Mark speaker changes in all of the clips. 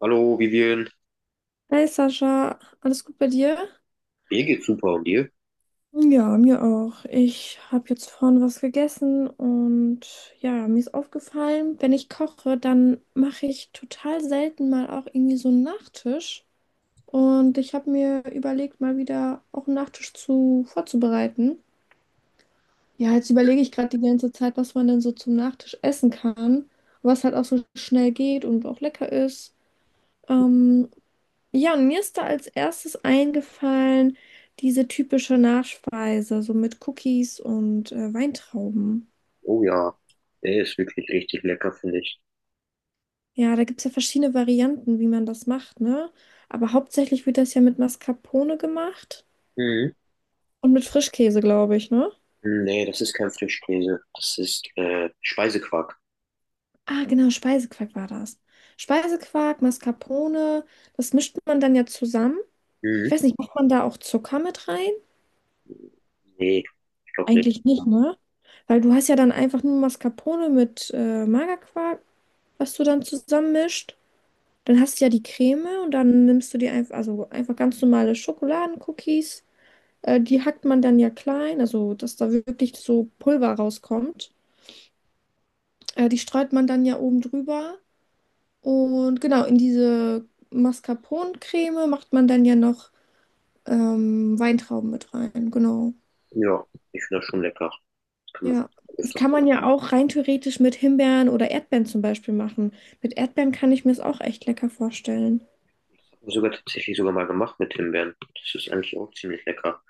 Speaker 1: Hallo Vivian,
Speaker 2: Hey Sascha, alles gut bei dir?
Speaker 1: mir geht's super und dir?
Speaker 2: Ja, mir auch. Ich habe jetzt vorhin was gegessen und ja, mir ist aufgefallen, wenn ich koche, dann mache ich total selten mal auch irgendwie so einen Nachtisch. Und ich habe mir überlegt, mal wieder auch einen Nachtisch zu vorzubereiten. Ja, jetzt überlege ich gerade die ganze Zeit, was man denn so zum Nachtisch essen kann, was halt auch so schnell geht und auch lecker ist. Ähm, Ja, und mir ist da als erstes eingefallen, diese typische Nachspeise, so mit Cookies und Weintrauben.
Speaker 1: Oh ja, der ist wirklich richtig lecker, finde ich.
Speaker 2: Ja, da gibt es ja verschiedene Varianten, wie man das macht, ne? Aber hauptsächlich wird das ja mit Mascarpone gemacht
Speaker 1: Mhm.
Speaker 2: und mit Frischkäse, glaube ich, ne?
Speaker 1: Nee, das ist kein Frischkäse, das ist Speisequark.
Speaker 2: Ah, genau, Speisequark war das. Speisequark, Mascarpone, das mischt man dann ja zusammen. Ich
Speaker 1: Mhm.
Speaker 2: weiß nicht, macht man da auch Zucker mit rein?
Speaker 1: Nee, ich glaube nicht.
Speaker 2: Eigentlich nicht, ne? Weil du hast ja dann einfach nur Mascarpone mit Magerquark, was du dann zusammenmischt. Dann hast du ja die Creme und dann nimmst du die einfach, also einfach ganz normale Schokoladencookies. Die hackt man dann ja klein, also dass da wirklich so Pulver rauskommt. Die streut man dann ja oben drüber. Und genau, in diese Mascarpone-Creme macht man dann ja noch Weintrauben mit rein. Genau.
Speaker 1: Ja, ich finde das schon lecker. Das kann man
Speaker 2: Ja. Das
Speaker 1: öfters.
Speaker 2: kann man ja auch rein theoretisch mit Himbeeren oder Erdbeeren zum Beispiel machen. Mit Erdbeeren kann ich mir es auch echt lecker vorstellen.
Speaker 1: Das habe ich sogar tatsächlich sogar mal gemacht mit Himbeeren. Das ist eigentlich auch ziemlich lecker.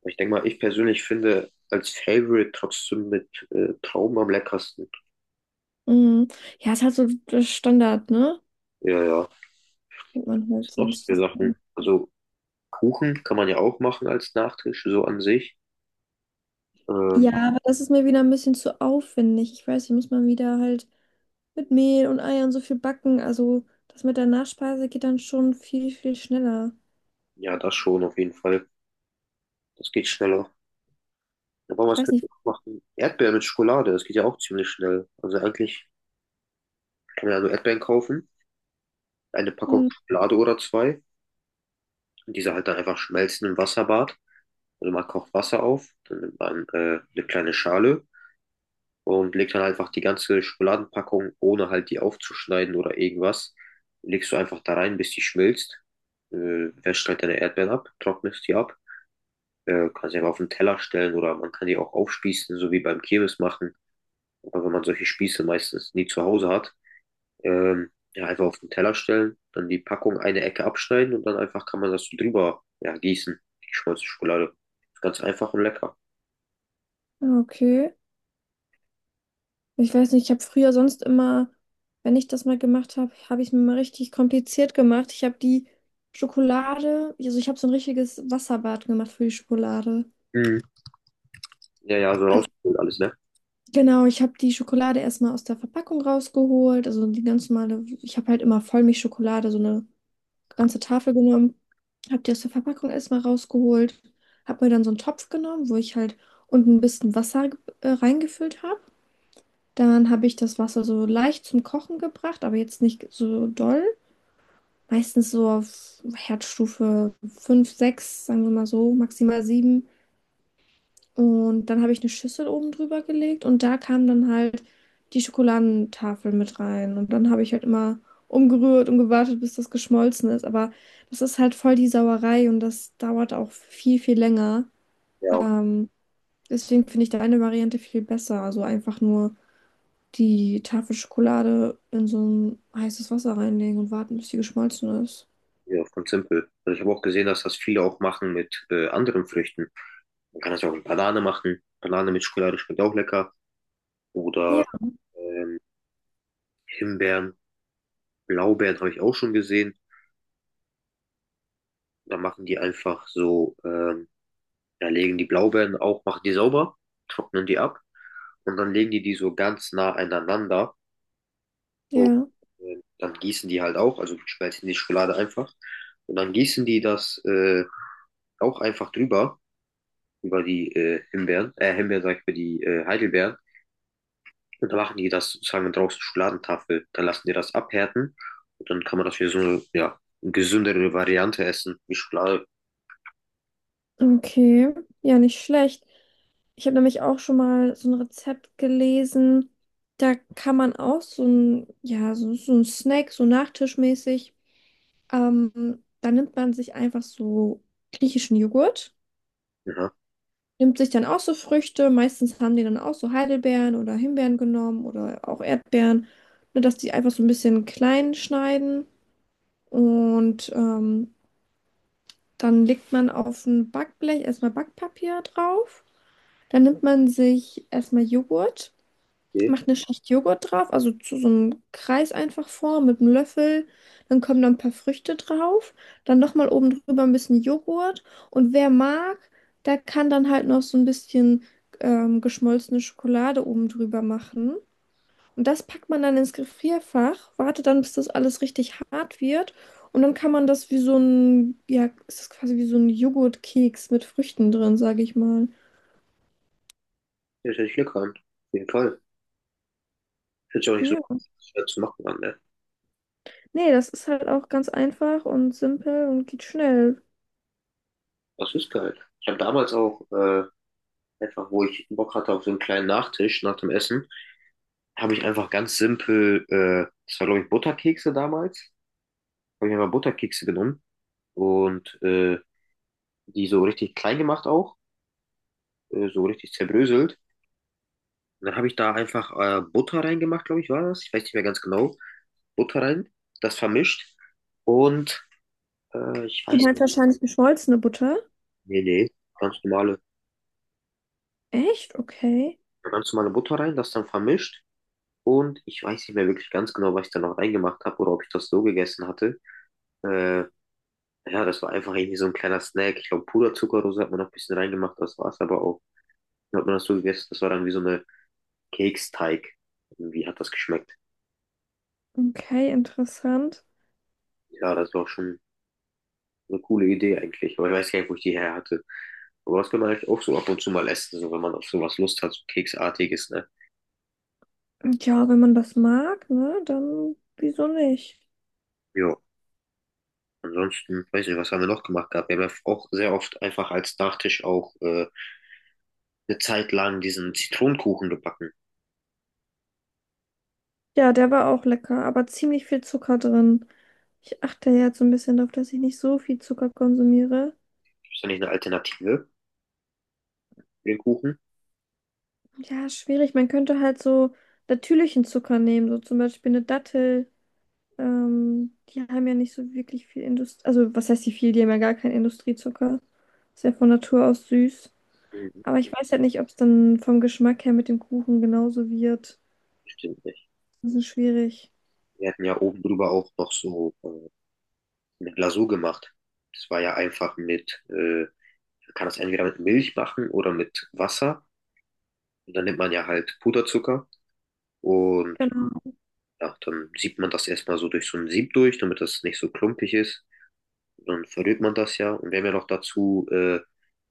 Speaker 1: Aber ich denke mal, ich persönlich finde als Favorite trotzdem mit Trauben am leckersten.
Speaker 2: Mhm. Ja, ist halt so der Standard, ne?
Speaker 1: Ja, ja.
Speaker 2: Fängt man
Speaker 1: Was
Speaker 2: halt
Speaker 1: sind noch so
Speaker 2: sonst
Speaker 1: viele
Speaker 2: nicht an.
Speaker 1: Sachen? Also Kuchen kann man ja auch machen als Nachtisch, so an sich. Ähm,
Speaker 2: Ja, aber das ist mir wieder ein bisschen zu aufwendig. Ich weiß, hier muss man wieder halt mit Mehl und Eiern so viel backen. Also das mit der Nachspeise geht dann schon viel, viel schneller.
Speaker 1: Ja, das schon auf jeden Fall. Das geht schneller. Aber
Speaker 2: Ich
Speaker 1: was
Speaker 2: weiß
Speaker 1: könnte
Speaker 2: nicht.
Speaker 1: man noch machen? Erdbeeren mit Schokolade, das geht ja auch ziemlich schnell. Also eigentlich kann man ja nur Erdbeeren kaufen, eine Packung
Speaker 2: Mhm.
Speaker 1: Schokolade oder zwei und diese halt dann einfach schmelzen im Wasserbad. Also man kocht Wasser auf, dann nimmt man eine kleine Schale und legt dann einfach die ganze Schokoladenpackung, ohne halt die aufzuschneiden oder irgendwas, legst du einfach da rein, bis die schmilzt. Äh, wäscht halt deine Erdbeeren ab, trocknest die ab. Kannst sie einfach auf den Teller stellen oder man kann die auch aufspießen, so wie beim Kirmes machen. Aber wenn man solche Spieße meistens nie zu Hause hat, ja, einfach auf den Teller stellen, dann die Packung eine Ecke abschneiden und dann einfach kann man das so drüber, ja, gießen, die schmolzene Schokolade. Ist ganz einfach und lecker.
Speaker 2: Ah, okay. Ich weiß nicht, ich habe früher sonst immer, wenn ich das mal gemacht habe, habe ich es mir mal richtig kompliziert gemacht. Ich habe die Schokolade, also ich habe so ein richtiges Wasserbad gemacht für die Schokolade.
Speaker 1: Mhm. Ja, ja, so
Speaker 2: Also
Speaker 1: rausgeholt alles, ne?
Speaker 2: genau, ich habe die Schokolade erstmal aus der Verpackung rausgeholt, also die ganz normale, ich habe halt immer Vollmilchschokolade, so eine ganze Tafel genommen, habe die aus der Verpackung erstmal rausgeholt, habe mir dann so einen Topf genommen, wo ich halt unten ein bisschen Wasser reingefüllt habe. Dann habe ich das Wasser so leicht zum Kochen gebracht, aber jetzt nicht so doll. Meistens so auf Herdstufe 5 6, sagen wir mal so, maximal 7. Und dann habe ich eine Schüssel oben drüber gelegt und da kam dann halt die Schokoladentafel mit rein. Und dann habe ich halt immer umgerührt und gewartet, bis das geschmolzen ist. Aber das ist halt voll die Sauerei und das dauert auch viel, viel länger.
Speaker 1: Ja,
Speaker 2: Ähm, Deswegen finde ich deine Variante viel besser. Also einfach nur die Tafel Schokolade in so ein heißes Wasser reinlegen und warten, bis sie geschmolzen ist.
Speaker 1: ja, ganz simpel. Und ich habe auch gesehen, dass das viele auch machen mit anderen Früchten. Man kann das ja auch mit Banane machen. Banane mit Schokolade schmeckt auch lecker. Oder
Speaker 2: Ja.
Speaker 1: ähm, Himbeeren, Blaubeeren habe ich auch schon gesehen. Da machen die einfach so ja, legen die Blaubeeren auch, machen die sauber, trocknen die ab und dann legen die die so ganz nah aneinander und
Speaker 2: Ja,
Speaker 1: dann gießen die halt auch, also schmelzen die Schokolade einfach und dann gießen die das auch einfach drüber, über die Himbeeren, Himbeeren sag ich, über die Heidelbeeren und dann machen die das sozusagen draußen Schokoladentafel, dann lassen die das abhärten und dann kann man das wie so eine, ja, eine gesündere Variante essen, wie Schokolade.
Speaker 2: okay. Ja, nicht schlecht. Ich habe nämlich auch schon mal so ein Rezept gelesen. Da kann man auch so ein, ja, so ein Snack, so nachtischmäßig. Da nimmt man sich einfach so griechischen Joghurt,
Speaker 1: Ja,
Speaker 2: nimmt sich dann auch so Früchte. Meistens haben die dann auch so Heidelbeeren oder Himbeeren genommen oder auch Erdbeeren, nur dass die einfach so ein bisschen klein schneiden. Und dann legt man auf ein Backblech erstmal Backpapier drauf. Dann nimmt man sich erstmal Joghurt,
Speaker 1: okay.
Speaker 2: macht eine Schicht Joghurt drauf, also zu so einem Kreis einfach formen mit einem Löffel. Dann kommen da ein paar Früchte drauf, dann nochmal oben drüber ein bisschen Joghurt. Und wer mag, der kann dann halt noch so ein bisschen geschmolzene Schokolade oben drüber machen. Und das packt man dann ins Gefrierfach, wartet dann, bis das alles richtig hart wird. Und dann kann man das wie so ein, ja, es ist quasi wie so ein Joghurtkeks mit Früchten drin, sage ich mal.
Speaker 1: Das hört sich lecker an, auf jeden Fall. Hört sich auch nicht so
Speaker 2: Ja.
Speaker 1: schwer zu machen an, ne?
Speaker 2: Nee, das ist halt auch ganz einfach und simpel und geht schnell.
Speaker 1: Das ist geil. Ich habe damals auch einfach, wo ich Bock hatte auf so einen kleinen Nachtisch nach dem Essen, habe ich einfach ganz simpel, das war glaube ich Butterkekse damals, habe ich einfach Butterkekse genommen und die so richtig klein gemacht auch, so richtig zerbröselt. Und dann habe ich da einfach Butter reingemacht, glaube ich, war das. Ich weiß nicht mehr ganz genau. Butter rein, das vermischt und äh, ich
Speaker 2: Du
Speaker 1: weiß,
Speaker 2: meinst wahrscheinlich geschmolzene Butter?
Speaker 1: nee, nee, ganz normale,
Speaker 2: Echt? Okay.
Speaker 1: ganz normale Butter rein, das dann vermischt. Und ich weiß nicht mehr wirklich ganz genau, was ich da noch reingemacht habe oder ob ich das so gegessen hatte. Äh, ja, das war einfach irgendwie so ein kleiner Snack. Ich glaube, Puderzuckerrose hat man noch ein bisschen reingemacht, das war es aber auch. Dann hat man das so gegessen, das war dann wie so eine Keksteig. Irgendwie hat das geschmeckt.
Speaker 2: Okay, interessant.
Speaker 1: Ja, das war schon eine coole Idee eigentlich, aber ich weiß gar nicht, wo ich die her hatte. Aber das kann man eigentlich auch so ab und zu mal essen, so wenn man auf sowas Lust hat, so Keksartiges, ne?
Speaker 2: Ja, wenn man das mag, ne, dann wieso nicht?
Speaker 1: Ja. Ansonsten, weiß nicht, was haben wir noch gemacht gehabt? Wir haben ja auch sehr oft einfach als Nachtisch auch eine Zeit lang diesen Zitronenkuchen gebacken.
Speaker 2: Ja, der war auch lecker, aber ziemlich viel Zucker drin. Ich achte ja jetzt so ein bisschen darauf, dass ich nicht so viel Zucker konsumiere.
Speaker 1: Ist da nicht eine Alternative für den Kuchen?
Speaker 2: Ja, schwierig. Man könnte halt so natürlichen Zucker nehmen, so zum Beispiel eine Dattel. Die haben ja nicht so wirklich viel Industrie. Also, was heißt die viel? Die haben ja gar keinen Industriezucker. Ist ja von Natur aus süß.
Speaker 1: Mhm,
Speaker 2: Aber ich weiß halt nicht, ob es dann vom Geschmack her mit dem Kuchen genauso wird.
Speaker 1: bestimmt nicht.
Speaker 2: Das ist schwierig.
Speaker 1: Wir hatten ja oben drüber auch noch so eine Glasur gemacht. Das war ja einfach mit, man kann das entweder mit Milch machen oder mit Wasser. Und dann nimmt man ja halt Puderzucker und
Speaker 2: Genau.
Speaker 1: ja, dann siebt man das erstmal so durch so ein Sieb durch, damit das nicht so klumpig ist. Und dann verrührt man das ja. Und wir haben ja noch dazu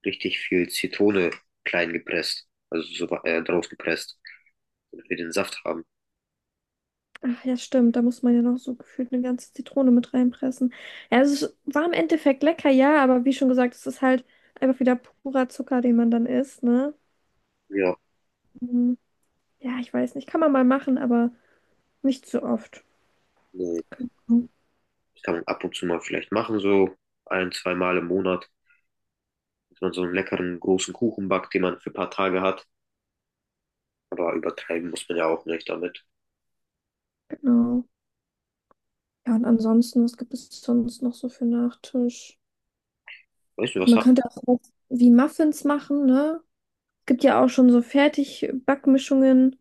Speaker 1: richtig viel Zitrone klein gepresst, also so drauf gepresst, damit wir den Saft haben.
Speaker 2: Ach ja, stimmt. Da muss man ja noch so gefühlt eine ganze Zitrone mit reinpressen. Ja, es ist, war im Endeffekt lecker, ja, aber wie schon gesagt, es ist halt einfach wieder purer Zucker, den man dann isst, ne?
Speaker 1: Ja,
Speaker 2: Mhm. Ja, ich weiß nicht. Kann man mal machen, aber nicht so oft.
Speaker 1: nee.
Speaker 2: Genau.
Speaker 1: Das kann man ab und zu mal vielleicht machen, so ein, zwei Mal im Monat, dass man so einen leckeren großen Kuchen backt, den man für ein paar Tage hat. Aber übertreiben muss man ja auch nicht damit.
Speaker 2: Genau. Ja, und ansonsten, was gibt es sonst noch so für Nachtisch?
Speaker 1: Weißt du, was
Speaker 2: Man
Speaker 1: hast
Speaker 2: könnte auch was wie Muffins machen, ne? Es gibt ja auch schon so Fertigbackmischungen.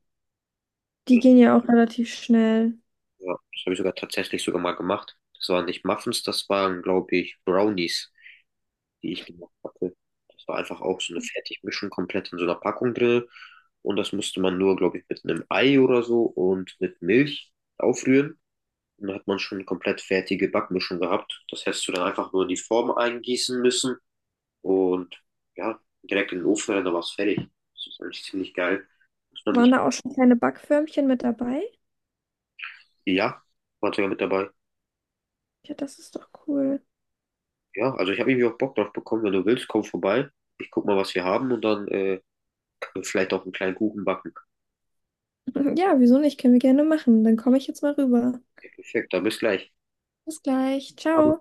Speaker 2: Die
Speaker 1: du?
Speaker 2: gehen ja auch relativ schnell.
Speaker 1: Ja, das habe ich sogar tatsächlich sogar mal gemacht. Das waren nicht Muffins, das waren, glaube ich, Brownies, die ich gemacht hatte. Das war einfach auch so eine Fertigmischung komplett in so einer Packung drin. Und das musste man nur, glaube ich, mit einem Ei oder so und mit Milch aufrühren. Und dann hat man schon eine komplett fertige Backmischung gehabt. Das hättest du dann einfach nur in die Form eingießen müssen. Und ja, direkt in den Ofen rein, da war es fertig. Das ist eigentlich ziemlich geil. Muss man nicht,
Speaker 2: Waren da auch schon kleine Backförmchen mit dabei?
Speaker 1: ja, war sogar mit dabei.
Speaker 2: Ja, das ist doch cool.
Speaker 1: Ja, also ich habe irgendwie auch Bock drauf bekommen. Wenn du willst, komm vorbei. Ich guck mal, was wir haben und dann können wir vielleicht auch einen kleinen Kuchen backen.
Speaker 2: Ja, wieso nicht? Können wir gerne machen. Dann komme ich jetzt mal rüber.
Speaker 1: Ja, perfekt, dann bis gleich.
Speaker 2: Bis gleich. Ciao.